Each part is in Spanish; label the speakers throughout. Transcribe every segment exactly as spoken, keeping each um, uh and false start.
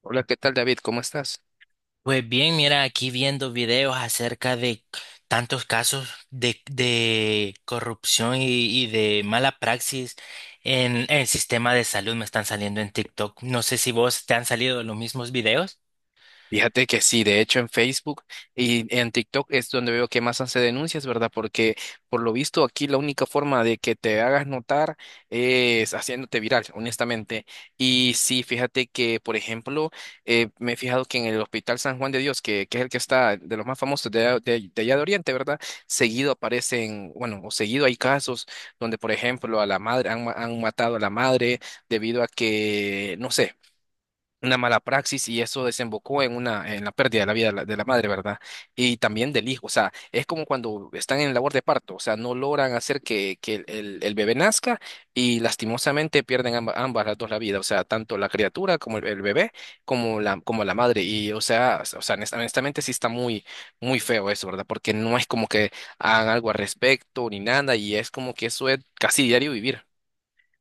Speaker 1: Hola, ¿qué tal David? ¿Cómo estás?
Speaker 2: Pues bien, mira, aquí viendo videos acerca de tantos casos de, de corrupción y, y de mala praxis en el sistema de salud me están saliendo en TikTok. No sé si vos te han salido los mismos videos.
Speaker 1: Fíjate que sí, de hecho en Facebook y en TikTok es donde veo que más hace denuncias, ¿verdad? Porque por lo visto aquí la única forma de que te hagas notar es haciéndote viral, honestamente. Y sí, fíjate que, por ejemplo, eh, me he fijado que en el Hospital San Juan de Dios, que, que es el que está de los más famosos de, de, de allá de Oriente, ¿verdad? Seguido aparecen, bueno, o seguido hay casos donde, por ejemplo, a la madre, han, ma- han matado a la madre debido a que, no sé, una mala praxis y eso desembocó en una en la pérdida de la vida de la, de la madre, ¿verdad? Y también del hijo, o sea, es como cuando están en labor de parto, o sea, no logran hacer que, que el, el- el bebé nazca y lastimosamente pierden amba- ambas las dos la vida, o sea, tanto la criatura como el, el bebé como la como la madre y o sea, o sea, honest- honestamente sí está muy muy feo eso, ¿verdad? Porque no es como que hagan algo al respecto ni nada y es como que eso es casi diario vivir.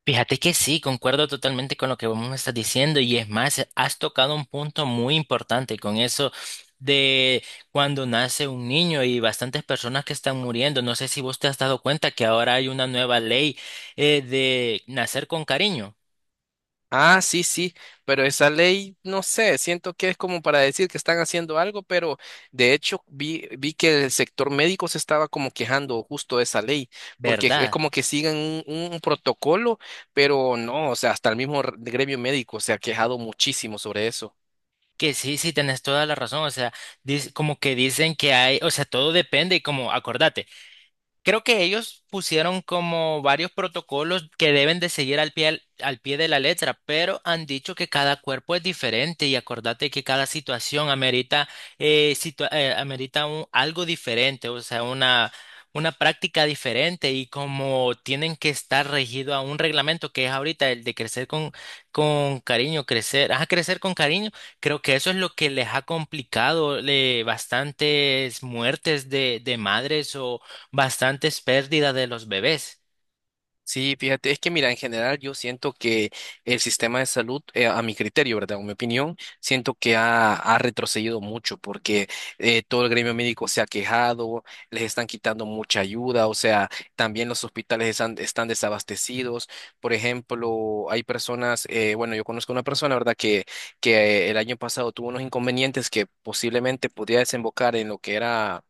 Speaker 2: Fíjate que sí, concuerdo totalmente con lo que vos me estás diciendo y es más, has tocado un punto muy importante con eso de cuando nace un niño y bastantes personas que están muriendo. No sé si vos te has dado cuenta que ahora hay una nueva ley eh, de nacer con cariño.
Speaker 1: Ah, sí, sí, pero esa ley, no sé, siento que es como para decir que están haciendo algo, pero de hecho vi, vi que el sector médico se estaba como quejando justo de esa ley, porque es
Speaker 2: ¿Verdad?
Speaker 1: como que siguen un, un protocolo, pero no, o sea, hasta el mismo r- gremio médico se ha quejado muchísimo sobre eso.
Speaker 2: Que sí, sí, tenés toda la razón. O sea, dis- como que dicen que hay, o sea, todo depende y, como, acordate, creo que ellos pusieron como varios protocolos que deben de seguir al pie, al, al pie de la letra, pero han dicho que cada cuerpo es diferente y acordate que cada situación amerita, eh, situa- eh, amerita un- algo diferente, o sea, una, una práctica diferente y como tienen que estar regido a un reglamento que es ahorita el de crecer con, con cariño, crecer, ajá, crecer con cariño, creo que eso es lo que les ha complicado, le, bastantes muertes de, de madres, bastantes pérdidas de los bebés.
Speaker 1: Sí, fíjate, es que mira, en general yo siento que el sistema de salud, eh, a mi criterio, ¿verdad? O mi opinión, siento que ha, ha retrocedido mucho porque eh, todo el gremio médico se ha quejado, les están quitando mucha ayuda, o sea, también los hospitales están, están desabastecidos. Por ejemplo, hay personas, eh, bueno, yo conozco una persona, ¿verdad? Que, que el año pasado tuvo unos inconvenientes que posiblemente podía desembocar en lo que era...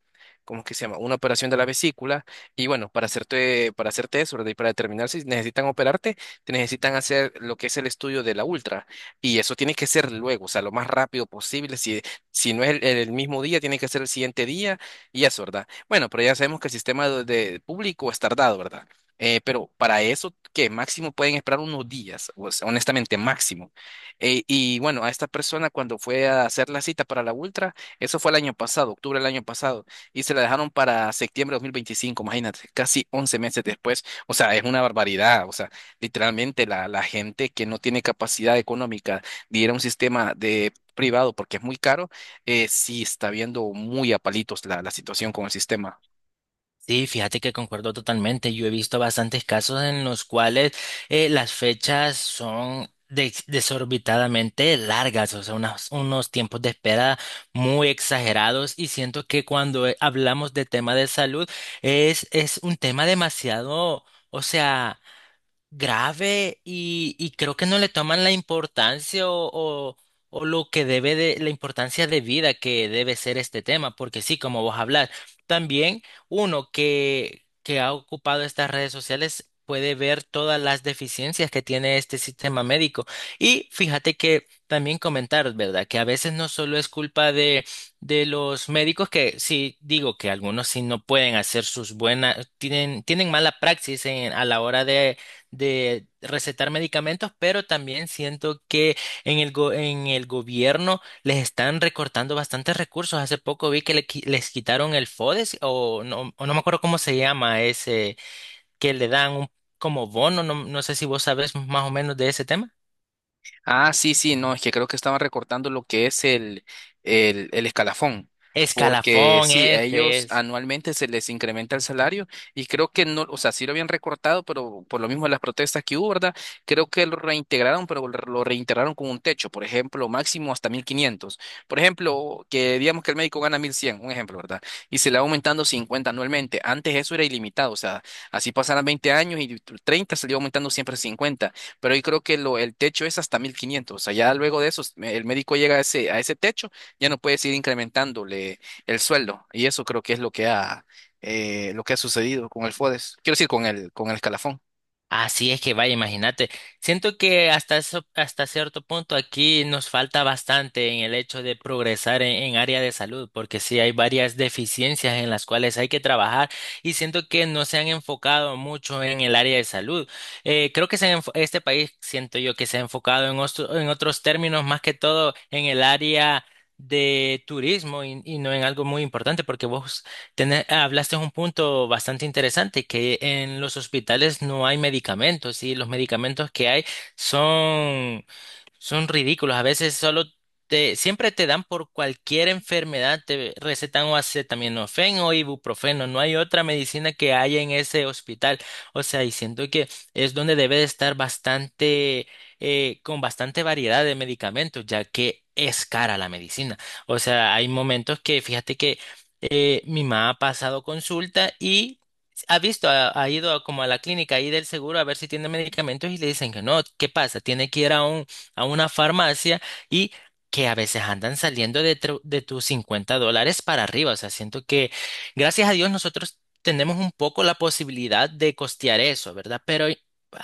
Speaker 1: ¿Cómo es que se llama? Una operación de la vesícula y bueno, para hacerte, para hacerte eso, ¿verdad? Y para determinar si necesitan operarte, te necesitan hacer lo que es el estudio de la ultra. Y eso tiene que ser luego, o sea, lo más rápido posible. Si, si no es el, el mismo día, tiene que ser el siguiente día y eso, ¿verdad? Bueno, pero ya sabemos que el sistema de, de público es tardado, ¿verdad? Eh, pero para eso, que máximo pueden esperar unos días, o sea, honestamente, máximo. Eh, y bueno, a esta persona cuando fue a hacer la cita para la ultra, eso fue el año pasado, octubre del año pasado y se la dejaron para septiembre de dos mil veinticinco, imagínate, casi once meses después. O sea, es una barbaridad. O sea, literalmente la, la gente que no tiene capacidad económica de ir a un sistema de privado porque es muy caro, eh, sí está viendo muy a palitos la, la situación con el sistema.
Speaker 2: Sí, fíjate que concuerdo totalmente. Yo he visto bastantes casos en los cuales eh, las fechas son des- desorbitadamente largas, o sea, unas- unos tiempos de espera muy exagerados, y siento que cuando eh, hablamos de tema de salud es, es un tema demasiado, o sea, grave, y, y creo que no le toman la importancia o, o, o lo que debe, de la importancia de vida que debe ser este tema, porque sí, como vos hablar, también uno que, que ha ocupado estas redes sociales puede ver todas las deficiencias que tiene este sistema médico. Y fíjate que también comentar, ¿verdad? Que a veces no solo es culpa de, de los médicos, que sí, digo que algunos sí no pueden hacer sus buenas, tienen, tienen mala praxis en- a la hora de de recetar medicamentos, pero también siento que en el, go- en el gobierno les están recortando bastantes recursos. Hace poco vi que le qui- les quitaron el FODES o no, o no me acuerdo cómo se llama ese, que le dan un como bono, no, no sé si vos sabés más o menos de ese tema.
Speaker 1: Ah, sí, sí, no, es que creo que estaban recortando lo que es el, el, el escalafón, porque
Speaker 2: Escalafón,
Speaker 1: sí, a
Speaker 2: ese
Speaker 1: ellos
Speaker 2: es.
Speaker 1: anualmente se les incrementa el salario y creo que no, o sea, sí lo habían recortado, pero por lo mismo de las protestas que hubo, ¿verdad? Creo que lo reintegraron, pero lo lo reintegraron con un techo, por ejemplo, máximo hasta mil quinientos. Por ejemplo, que digamos que el médico gana mil cien, un ejemplo, ¿verdad? Y se le va aumentando cincuenta anualmente. Antes eso era ilimitado, o sea, así pasaran veinte años y treinta se le iba aumentando siempre cincuenta, pero yo creo que lo, el techo es hasta mil quinientos, o sea, ya luego de eso, me- el médico llega a ese, a ese techo, ya no puedes ir incrementándole el sueldo, y eso creo que es lo que ha, eh, lo que ha sucedido con el FODES, quiero decir, con el, con el escalafón.
Speaker 2: Así es que vaya, imagínate. Siento que hasta eso- hasta cierto punto aquí nos falta bastante en el hecho de progresar en, en área de salud, porque sí hay varias deficiencias en las cuales hay que trabajar y siento que no se han enfocado mucho en el área de salud. Eh, creo que se han enfo- este país, siento yo, que se ha enfocado en, ostro- en otros términos, más que todo en el área de turismo y, y no en algo muy importante, porque vos Tene- hablaste de un punto bastante interesante, que en los hospitales no hay medicamentos y los medicamentos que hay son son ridículos. A veces solo te, siempre te dan, por cualquier enfermedad, te recetan o acetaminofén o ibuprofeno. No hay otra medicina que haya en ese hospital. O sea, y siento que es donde debe de estar bastante, eh, con bastante variedad de medicamentos, ya que es cara la medicina. O sea, hay momentos que, fíjate que eh, mi mamá ha pasado consulta y ha visto, ha, ha ido a- como a la clínica ahí del seguro a ver si tiene medicamentos y le dicen que no. ¿Qué pasa? Tiene que ir a un a una farmacia, y que a veces andan saliendo de, tru- de tus cincuenta dólares para arriba. O sea, siento que gracias a Dios nosotros tenemos un poco la posibilidad de costear eso, ¿verdad? Pero hay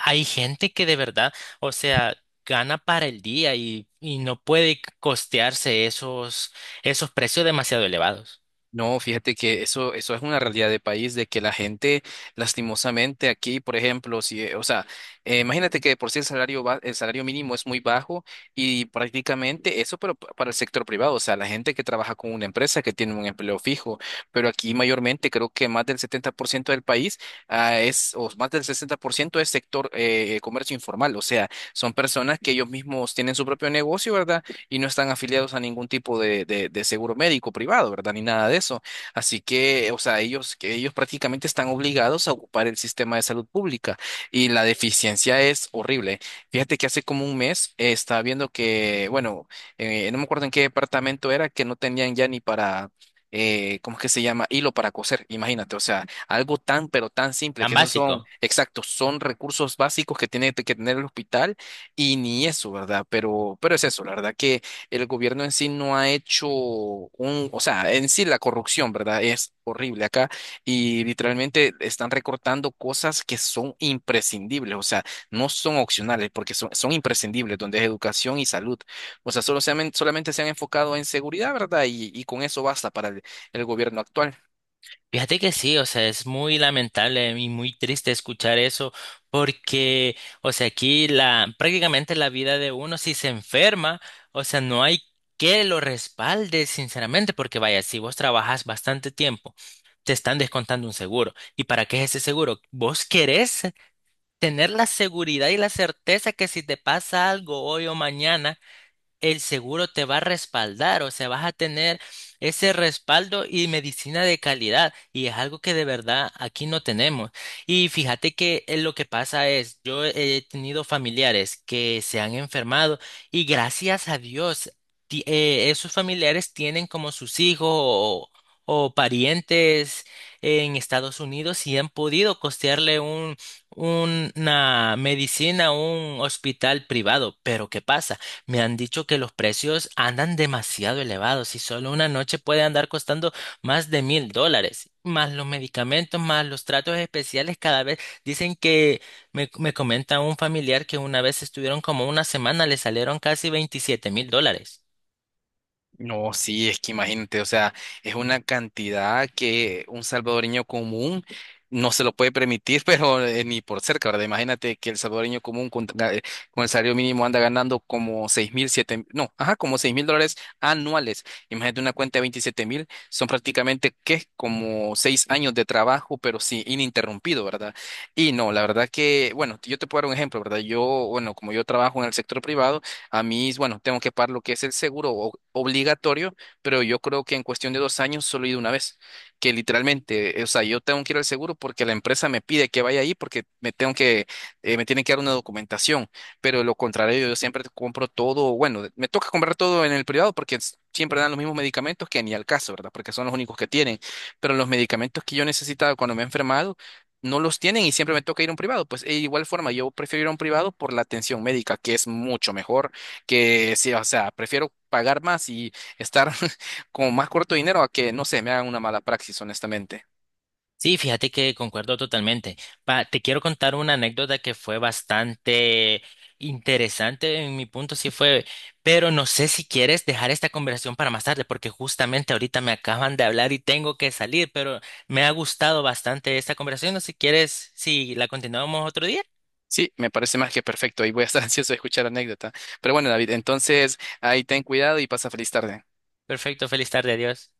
Speaker 2: hay gente que de verdad, o sea, gana para el día y, y no puede costearse esos, esos precios demasiado elevados.
Speaker 1: No, fíjate que eso, eso es una realidad de país, de que la gente, lastimosamente, aquí, por ejemplo, si, eh, o sea, eh, imagínate que de por sí el salario, ba- el salario mínimo es muy bajo y prácticamente eso, pero pa- para el sector privado, o sea, la gente que trabaja con una empresa que tiene un empleo fijo, pero aquí mayormente creo que más del setenta por ciento del país, ah, es, o más del sesenta por ciento es sector eh, comercio informal, o sea, son personas que ellos mismos tienen su propio negocio, ¿verdad? Y no están afiliados a ningún tipo de, de- de seguro médico privado, ¿verdad? Ni nada de eso. Así que, o sea, ellos, que ellos prácticamente están obligados a ocupar el sistema de salud pública y la deficiencia es horrible. Fíjate que hace como un mes eh, estaba viendo que, bueno, eh, no me acuerdo en qué departamento era, que no tenían ya ni para... eh, ¿cómo es que se llama? Hilo para coser, imagínate, o sea, algo tan, pero tan simple,
Speaker 2: Tan
Speaker 1: que esos son,
Speaker 2: básico.
Speaker 1: exactos, son recursos básicos que tiene que tener el hospital y ni eso, ¿verdad? Pero, pero es eso, la verdad que el gobierno en sí no ha hecho un, o sea, en sí la corrupción, ¿verdad? Es horrible acá y literalmente están recortando cosas que son imprescindibles, o sea, no son opcionales porque son, son imprescindibles, donde es educación y salud. O sea, solo se han- solamente se han enfocado en seguridad, ¿verdad? Y, y con eso basta para el el gobierno actual.
Speaker 2: Fíjate que sí, o sea, es muy lamentable y muy triste escuchar eso, porque, o sea, aquí la, prácticamente la vida de uno, si se enferma, o sea, no hay que lo respalde, sinceramente, porque vaya, si vos trabajas bastante tiempo, te están descontando un seguro. ¿Y para qué es ese seguro? Vos querés tener la seguridad y la certeza que si te pasa algo hoy o mañana, el seguro te va a respaldar, o sea, vas a tener ese respaldo y medicina de calidad, y es algo que de verdad aquí no tenemos. Y fíjate que eh, lo que pasa es, yo he tenido familiares que se han enfermado y, gracias a Dios, ti- eh, esos familiares tienen como sus hijos o, o parientes en Estados Unidos y han podido costearle un, una medicina a un hospital privado. Pero ¿qué pasa? Me han dicho que los precios andan demasiado elevados y solo una noche puede andar costando más de mil dólares, más los medicamentos, más los tratos especiales cada vez. Dicen que, me, me comenta un familiar, que una vez estuvieron como una semana, le salieron casi veintisiete mil dólares.
Speaker 1: No, sí, es que imagínate, o sea, es una cantidad que un salvadoreño común no se lo puede permitir, pero eh, ni por cerca, ¿verdad? Imagínate que el salvadoreño común con, ga- eh, con el salario mínimo anda ganando como seis mil, siete, mil, no, ajá, como seis mil dólares anuales. Imagínate una cuenta de veintisiete mil, son prácticamente, ¿qué? Como seis años de trabajo, pero sí, ininterrumpido, ¿verdad? Y no, la verdad que, bueno, yo te puedo dar un ejemplo, ¿verdad? Yo, bueno, como yo trabajo en el sector privado, a mí, bueno, tengo que pagar lo que es el seguro o- obligatorio, pero yo creo que en cuestión de dos años solo he ido una vez, que literalmente, eh, o sea, yo tengo que ir al seguro porque la empresa me pide que vaya ahí porque me tengo que, eh, me tienen que dar una documentación, pero de lo contrario, yo siempre compro todo, bueno, me toca comprar todo en el privado porque s- siempre dan los mismos medicamentos que ni al caso, ¿verdad? Porque son los únicos que tienen, pero los medicamentos que yo necesitaba cuando me he enfermado, no los tienen y siempre me toca ir a un privado. Pues de igual forma, yo prefiero ir a un privado por la atención médica, que es mucho mejor, que sí, o sea, prefiero pagar más y estar con más corto dinero a que, no sé, me hagan una mala praxis, honestamente.
Speaker 2: Sí, fíjate que concuerdo totalmente. Pa- te quiero contar una anécdota que fue bastante interesante, en mi punto sí fue, pero no sé si quieres dejar esta conversación para más tarde, porque justamente ahorita me acaban de hablar y tengo que salir, pero me ha gustado bastante esta conversación. No sé si quieres, si la continuamos otro día.
Speaker 1: Sí, me parece más que perfecto y voy a estar ansioso de escuchar la anécdota. Pero bueno, David, entonces ahí ten cuidado y pasa feliz tarde.
Speaker 2: Perfecto, feliz tarde, adiós.